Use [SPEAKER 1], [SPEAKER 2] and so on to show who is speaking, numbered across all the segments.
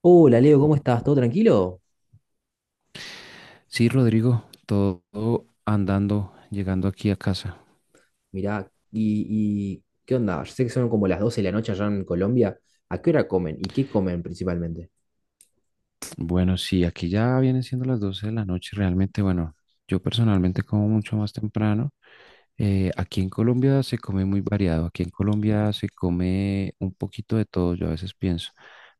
[SPEAKER 1] Hola Leo, ¿cómo estás? ¿Todo tranquilo?
[SPEAKER 2] Sí, Rodrigo, todo andando, llegando aquí a casa.
[SPEAKER 1] Mirá, y ¿qué onda? Yo sé que son como las 12 de la noche allá en Colombia. ¿A qué hora comen? ¿Y qué comen principalmente?
[SPEAKER 2] Bueno, sí, aquí ya vienen siendo las 12 de la noche. Realmente, bueno, yo personalmente como mucho más temprano. Aquí en Colombia se come muy variado. Aquí en Colombia se come un poquito de todo, yo a veces pienso,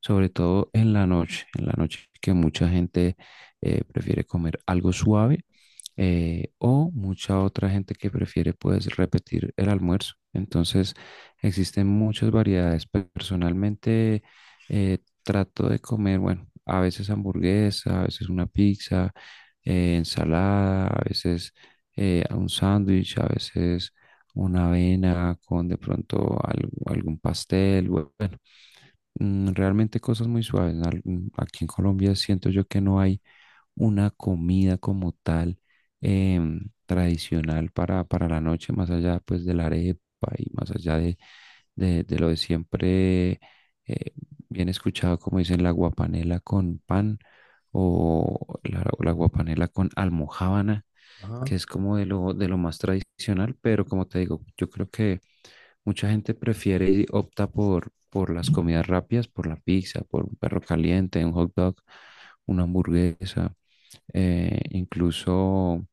[SPEAKER 2] sobre todo en la noche que mucha gente prefiere comer algo suave, o mucha otra gente que prefiere pues repetir el almuerzo. Entonces existen muchas variedades. Personalmente trato de comer, bueno, a veces hamburguesa, a veces una pizza, ensalada, a veces un sándwich, a veces una avena con de pronto algún pastel. Bueno, realmente cosas muy suaves. Aquí en Colombia siento yo que no hay una comida como tal, tradicional para, la noche, más allá pues de la arepa y más allá de, lo de siempre, eh, bien escuchado, como dicen, la guapanela con pan o la guapanela con almojábana,
[SPEAKER 1] Ajá.
[SPEAKER 2] que es como de lo más tradicional, pero como te digo, yo creo que mucha gente prefiere y opta por las comidas rápidas, por la pizza, por un perro caliente, un hot dog, una hamburguesa, incluso.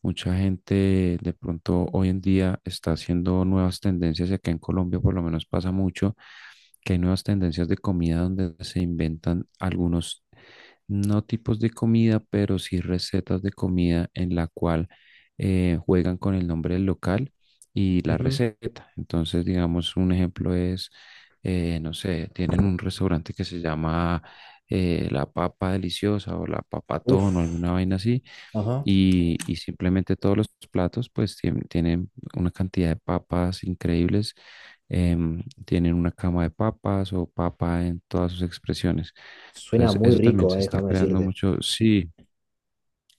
[SPEAKER 2] Mucha gente de pronto hoy en día está haciendo nuevas tendencias y acá en Colombia por lo menos pasa mucho que hay nuevas tendencias de comida donde se inventan algunos, no tipos de comida, pero sí recetas de comida en la cual juegan con el nombre del local y la
[SPEAKER 1] Ujú.
[SPEAKER 2] receta. Entonces, digamos, un ejemplo es, no sé, tienen un restaurante que se llama, La Papa Deliciosa o La Papatón o
[SPEAKER 1] Uf,
[SPEAKER 2] alguna vaina así,
[SPEAKER 1] ajá.
[SPEAKER 2] y simplemente todos los platos pues tienen una cantidad de papas increíbles, tienen una cama de papas o papa en todas sus expresiones.
[SPEAKER 1] Suena
[SPEAKER 2] Entonces
[SPEAKER 1] muy
[SPEAKER 2] eso también
[SPEAKER 1] rico,
[SPEAKER 2] se está
[SPEAKER 1] déjame
[SPEAKER 2] creando
[SPEAKER 1] decirte.
[SPEAKER 2] mucho. Sí,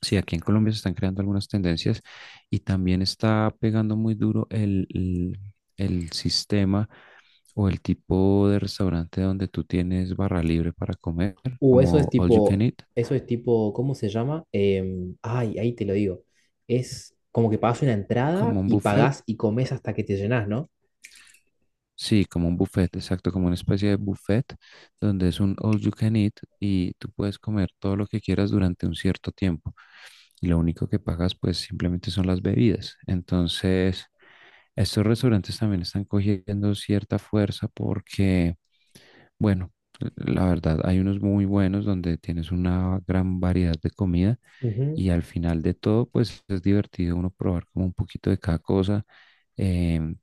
[SPEAKER 2] sí, aquí en Colombia se están creando algunas tendencias y también está pegando muy duro el sistema o el tipo de restaurante donde tú tienes barra libre para comer,
[SPEAKER 1] Uh, eso es
[SPEAKER 2] como all you can
[SPEAKER 1] tipo,
[SPEAKER 2] eat,
[SPEAKER 1] eso es tipo, ¿cómo se llama? Ay, ahí te lo digo. Es como que pagas una entrada
[SPEAKER 2] como un
[SPEAKER 1] y
[SPEAKER 2] buffet.
[SPEAKER 1] pagás y comes hasta que te llenás, ¿no?
[SPEAKER 2] Sí, como un buffet, exacto, como una especie de buffet donde es un all you can eat y tú puedes comer todo lo que quieras durante un cierto tiempo. Y lo único que pagas pues simplemente son las bebidas. Entonces, estos restaurantes también están cogiendo cierta fuerza porque, bueno, la verdad, hay unos muy buenos donde tienes una gran variedad de comida
[SPEAKER 1] Ujú.
[SPEAKER 2] y al final de todo pues es divertido uno probar como un poquito de cada cosa. em,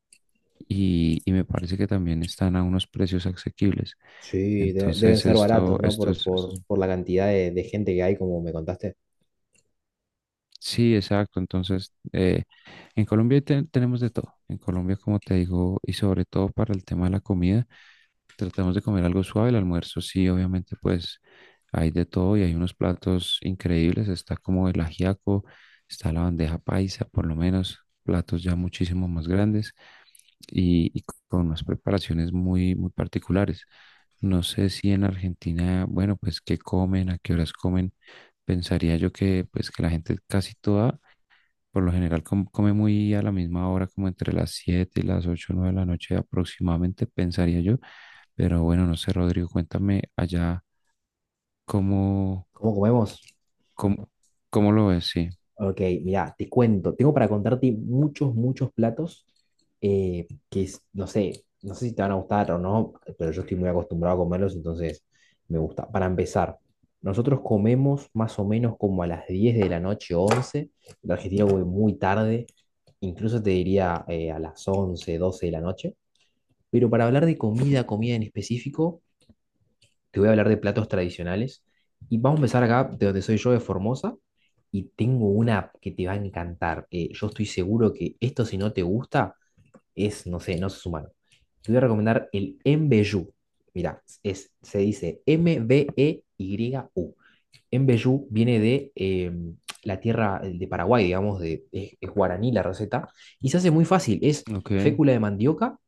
[SPEAKER 2] y, y me parece que también están a unos precios asequibles.
[SPEAKER 1] Sí, deben
[SPEAKER 2] Entonces,
[SPEAKER 1] ser baratos, ¿no? Por, por, por la cantidad de gente que hay, como me contaste.
[SPEAKER 2] sí, exacto. Entonces, en Colombia tenemos de todo. En Colombia, como te digo, y sobre todo para el tema de la comida, tratamos de comer algo suave. El almuerzo, sí, obviamente, pues hay de todo y hay unos platos increíbles. Está como el ajiaco, está la bandeja paisa, por lo menos, platos ya muchísimo más grandes, y con unas preparaciones muy, muy particulares. No sé si en Argentina, bueno, pues qué comen, a qué horas comen. Pensaría yo que pues que la gente casi toda, por lo general, come muy a la misma hora, como entre las 7 y las 8 o 9 de la noche aproximadamente, pensaría yo. Pero bueno, no sé, Rodrigo, cuéntame allá cómo,
[SPEAKER 1] ¿Cómo comemos?
[SPEAKER 2] cómo, cómo lo ves, sí.
[SPEAKER 1] Ok, mira, te cuento, tengo para contarte muchos, muchos platos, no sé si te van a gustar o no, pero yo estoy muy acostumbrado a comerlos, entonces me gusta. Para empezar, nosotros comemos más o menos como a las 10 de la noche, 11. En Argentina voy muy tarde, incluso te diría, a las 11, 12 de la noche, pero para hablar de comida, comida en específico, te voy a hablar de platos tradicionales. Y vamos a empezar acá, de donde soy yo, de Formosa. Y tengo una que te va a encantar. Yo estoy seguro que esto, si no te gusta, es, no sé, no sos humano. Te voy a recomendar el Mbeyu. Mira, es, se dice Mbeyu. Mbeyu viene de, la tierra de Paraguay, digamos, es guaraní la receta. Y se hace muy fácil. Es
[SPEAKER 2] Ok,
[SPEAKER 1] fécula de mandioca,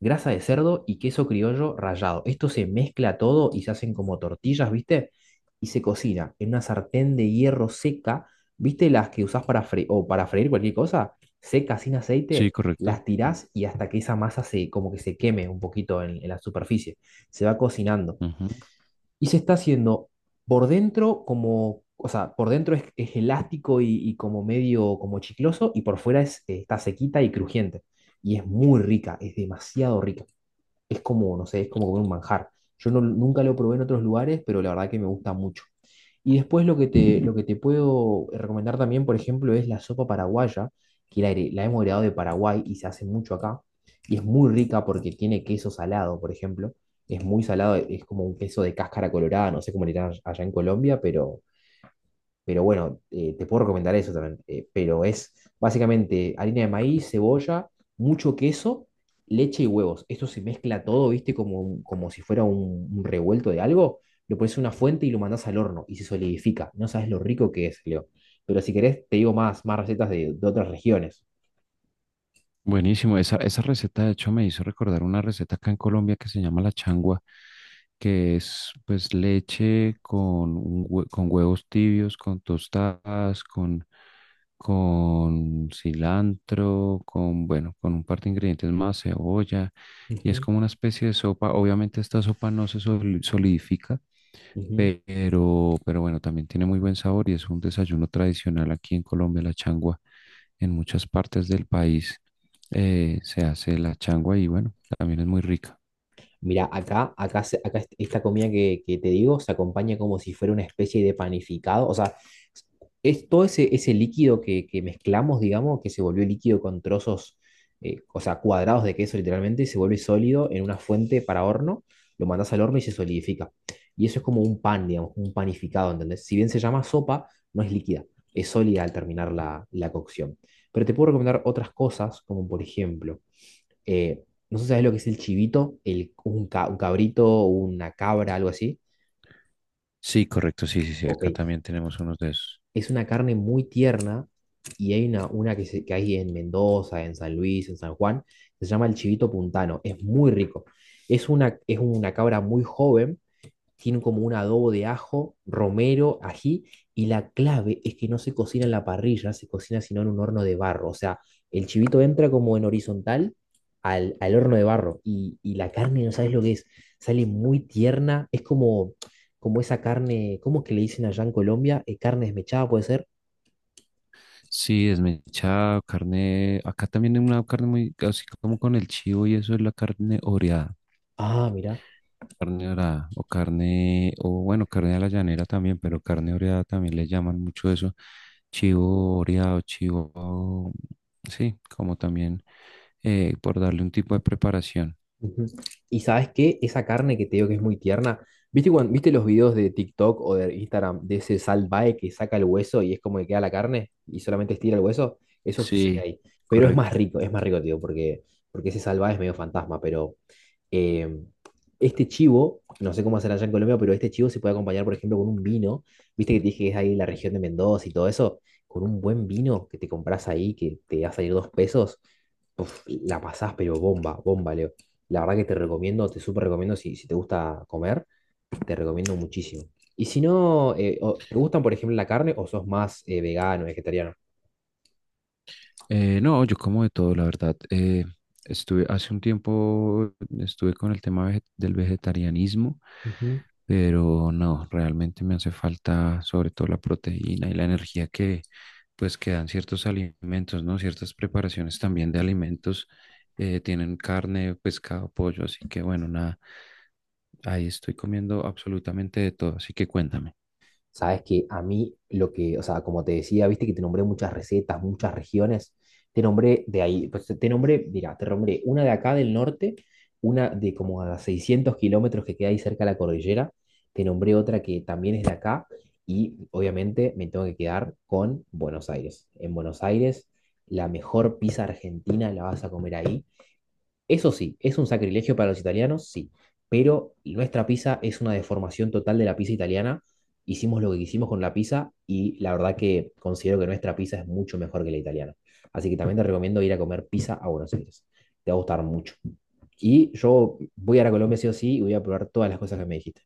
[SPEAKER 1] grasa de cerdo y queso criollo rallado. Esto se mezcla todo y se hacen como tortillas, ¿viste? Y se cocina en una sartén de hierro seca, ¿viste? Las que usás para freír o para freír cualquier cosa, seca, sin
[SPEAKER 2] sí,
[SPEAKER 1] aceite,
[SPEAKER 2] correcto.
[SPEAKER 1] las tirás y hasta que esa masa se como que se queme un poquito en la superficie. Se va cocinando.
[SPEAKER 2] Ujú.
[SPEAKER 1] Y se está haciendo por dentro como, o sea, por dentro es elástico y como medio como chicloso y por fuera está sequita y crujiente. Y es muy rica, es demasiado rica, es como, no sé, es como comer un manjar. Yo no, nunca lo probé en otros lugares, pero la verdad que me gusta mucho. Y después lo que te puedo recomendar también, por ejemplo, es la sopa paraguaya, que la hemos heredado de Paraguay y se hace mucho acá. Y es muy rica porque tiene queso salado, por ejemplo. Es muy salado, es como un queso de cáscara colorada, no sé cómo le dirán allá en Colombia, pero bueno, te puedo recomendar eso también. Pero es básicamente harina de maíz, cebolla, mucho queso, leche y huevos. Esto se mezcla todo, ¿viste? Como, como si fuera un revuelto de algo. Lo pones en una fuente y lo mandás al horno y se solidifica. No sabes lo rico que es, Leo. Pero si querés, te digo más, más recetas de otras regiones.
[SPEAKER 2] Buenísimo, esa receta de hecho me hizo recordar una receta acá en Colombia que se llama la changua, que es pues leche con, con huevos tibios, con tostadas, con cilantro, bueno, con un par de ingredientes más, cebolla, y es
[SPEAKER 1] Ujú,
[SPEAKER 2] como una especie de sopa. Obviamente esta sopa no se solidifica,
[SPEAKER 1] ujú.
[SPEAKER 2] pero bueno, también tiene muy buen sabor y es un desayuno tradicional aquí en Colombia, la changua. En muchas partes del país se hace la changua y bueno, también es muy rica.
[SPEAKER 1] Mira, acá, acá, se- acá est- esta comida que te digo se acompaña como si fuera una especie de panificado. O sea, es todo ese líquido que mezclamos, digamos, que se volvió líquido con trozos, o sea, cuadrados de queso literalmente, se vuelve sólido en una fuente para horno, lo mandas al horno y se solidifica. Y eso es como un pan, digamos, un panificado, ¿entendés? Si bien se llama sopa, no es líquida, es sólida al terminar la cocción. Pero te puedo recomendar otras cosas, como por ejemplo. Eh, no sé si sabes lo que es el chivito, un cabrito, una cabra, algo así.
[SPEAKER 2] Sí, correcto, sí, sí, sí,
[SPEAKER 1] Ok,
[SPEAKER 2] acá también tenemos unos de esos.
[SPEAKER 1] es una carne muy tierna y hay una que hay en Mendoza, en San Luis, en San Juan, que se llama el chivito puntano. Es muy rico. Es una cabra muy joven, tiene como un adobo de ajo, romero, ají, y la clave es que no se cocina en la parrilla, se cocina sino en un horno de barro. O sea, el chivito entra como en horizontal al horno de barro, y la carne, no sabes lo que es, sale muy tierna, es como esa carne, ¿cómo es que le dicen allá en Colombia? Carne desmechada puede ser.
[SPEAKER 2] Sí, desmechado, carne. Acá también hay una carne muy, así como con el chivo y eso es la carne oreada.
[SPEAKER 1] Ah, mira.
[SPEAKER 2] Carne oreada o carne, o bueno, carne a la llanera también, pero carne oreada también le llaman mucho eso. Chivo oreado, chivo, sí, como también por darle un tipo de preparación.
[SPEAKER 1] Ujú. Y sabes qué, esa carne que te digo que es muy tierna, ¿viste los videos de TikTok o de Instagram de ese salvae que saca el hueso y es como que queda la carne y solamente estira el hueso? Eso sucede
[SPEAKER 2] Sí,
[SPEAKER 1] ahí. Pero
[SPEAKER 2] correcto.
[SPEAKER 1] es más rico, tío, porque ese salvae es medio fantasma, pero eh, este chivo, no sé cómo hacer allá en Colombia, pero este chivo se puede acompañar, por ejemplo, con un vino, viste que te dije que es ahí la región de Mendoza y todo eso, con un buen vino que te compras ahí, que te va a salir dos pesos, uf, la pasás, pero bomba, bomba, Leo. La verdad que te recomiendo, te súper recomiendo si te gusta comer, te recomiendo muchísimo. Y si no, ¿te gustan, por ejemplo, la carne o sos más, vegano, vegetariano?
[SPEAKER 2] No, yo como de todo, la verdad. Estuve hace un tiempo, estuve con el tema del vegetarianismo, pero no, realmente me hace falta sobre todo la proteína y la energía que pues que dan ciertos alimentos, ¿no? Ciertas preparaciones también de alimentos tienen carne, pescado, pollo, así que bueno, nada, ahí estoy comiendo absolutamente de todo, así que cuéntame.
[SPEAKER 1] Sabes que a mí o sea, como te decía, viste que te nombré muchas recetas, muchas regiones, te nombré de ahí, pues te nombré, mira, te nombré una de acá del norte, una de como a 600 kilómetros que queda ahí cerca de la cordillera, te nombré otra que también es de acá y obviamente me tengo que quedar con Buenos Aires. En Buenos Aires, la mejor pizza argentina la vas a comer ahí. Eso sí, es un sacrilegio para los italianos, sí, pero nuestra pizza es una deformación total de la pizza italiana. Hicimos lo que quisimos con la pizza y la verdad que considero que nuestra pizza es mucho mejor que la italiana. Así que también te recomiendo ir a comer pizza a Buenos Aires. Te va a gustar mucho. Y yo voy a ir a Colombia sí o sí y voy a probar todas las cosas que me dijiste.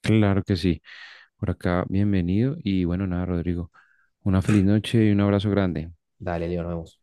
[SPEAKER 2] Claro que sí, por acá. Bienvenido y bueno, nada, Rodrigo. Una feliz noche y un abrazo grande.
[SPEAKER 1] Dale, Leo, nos vemos.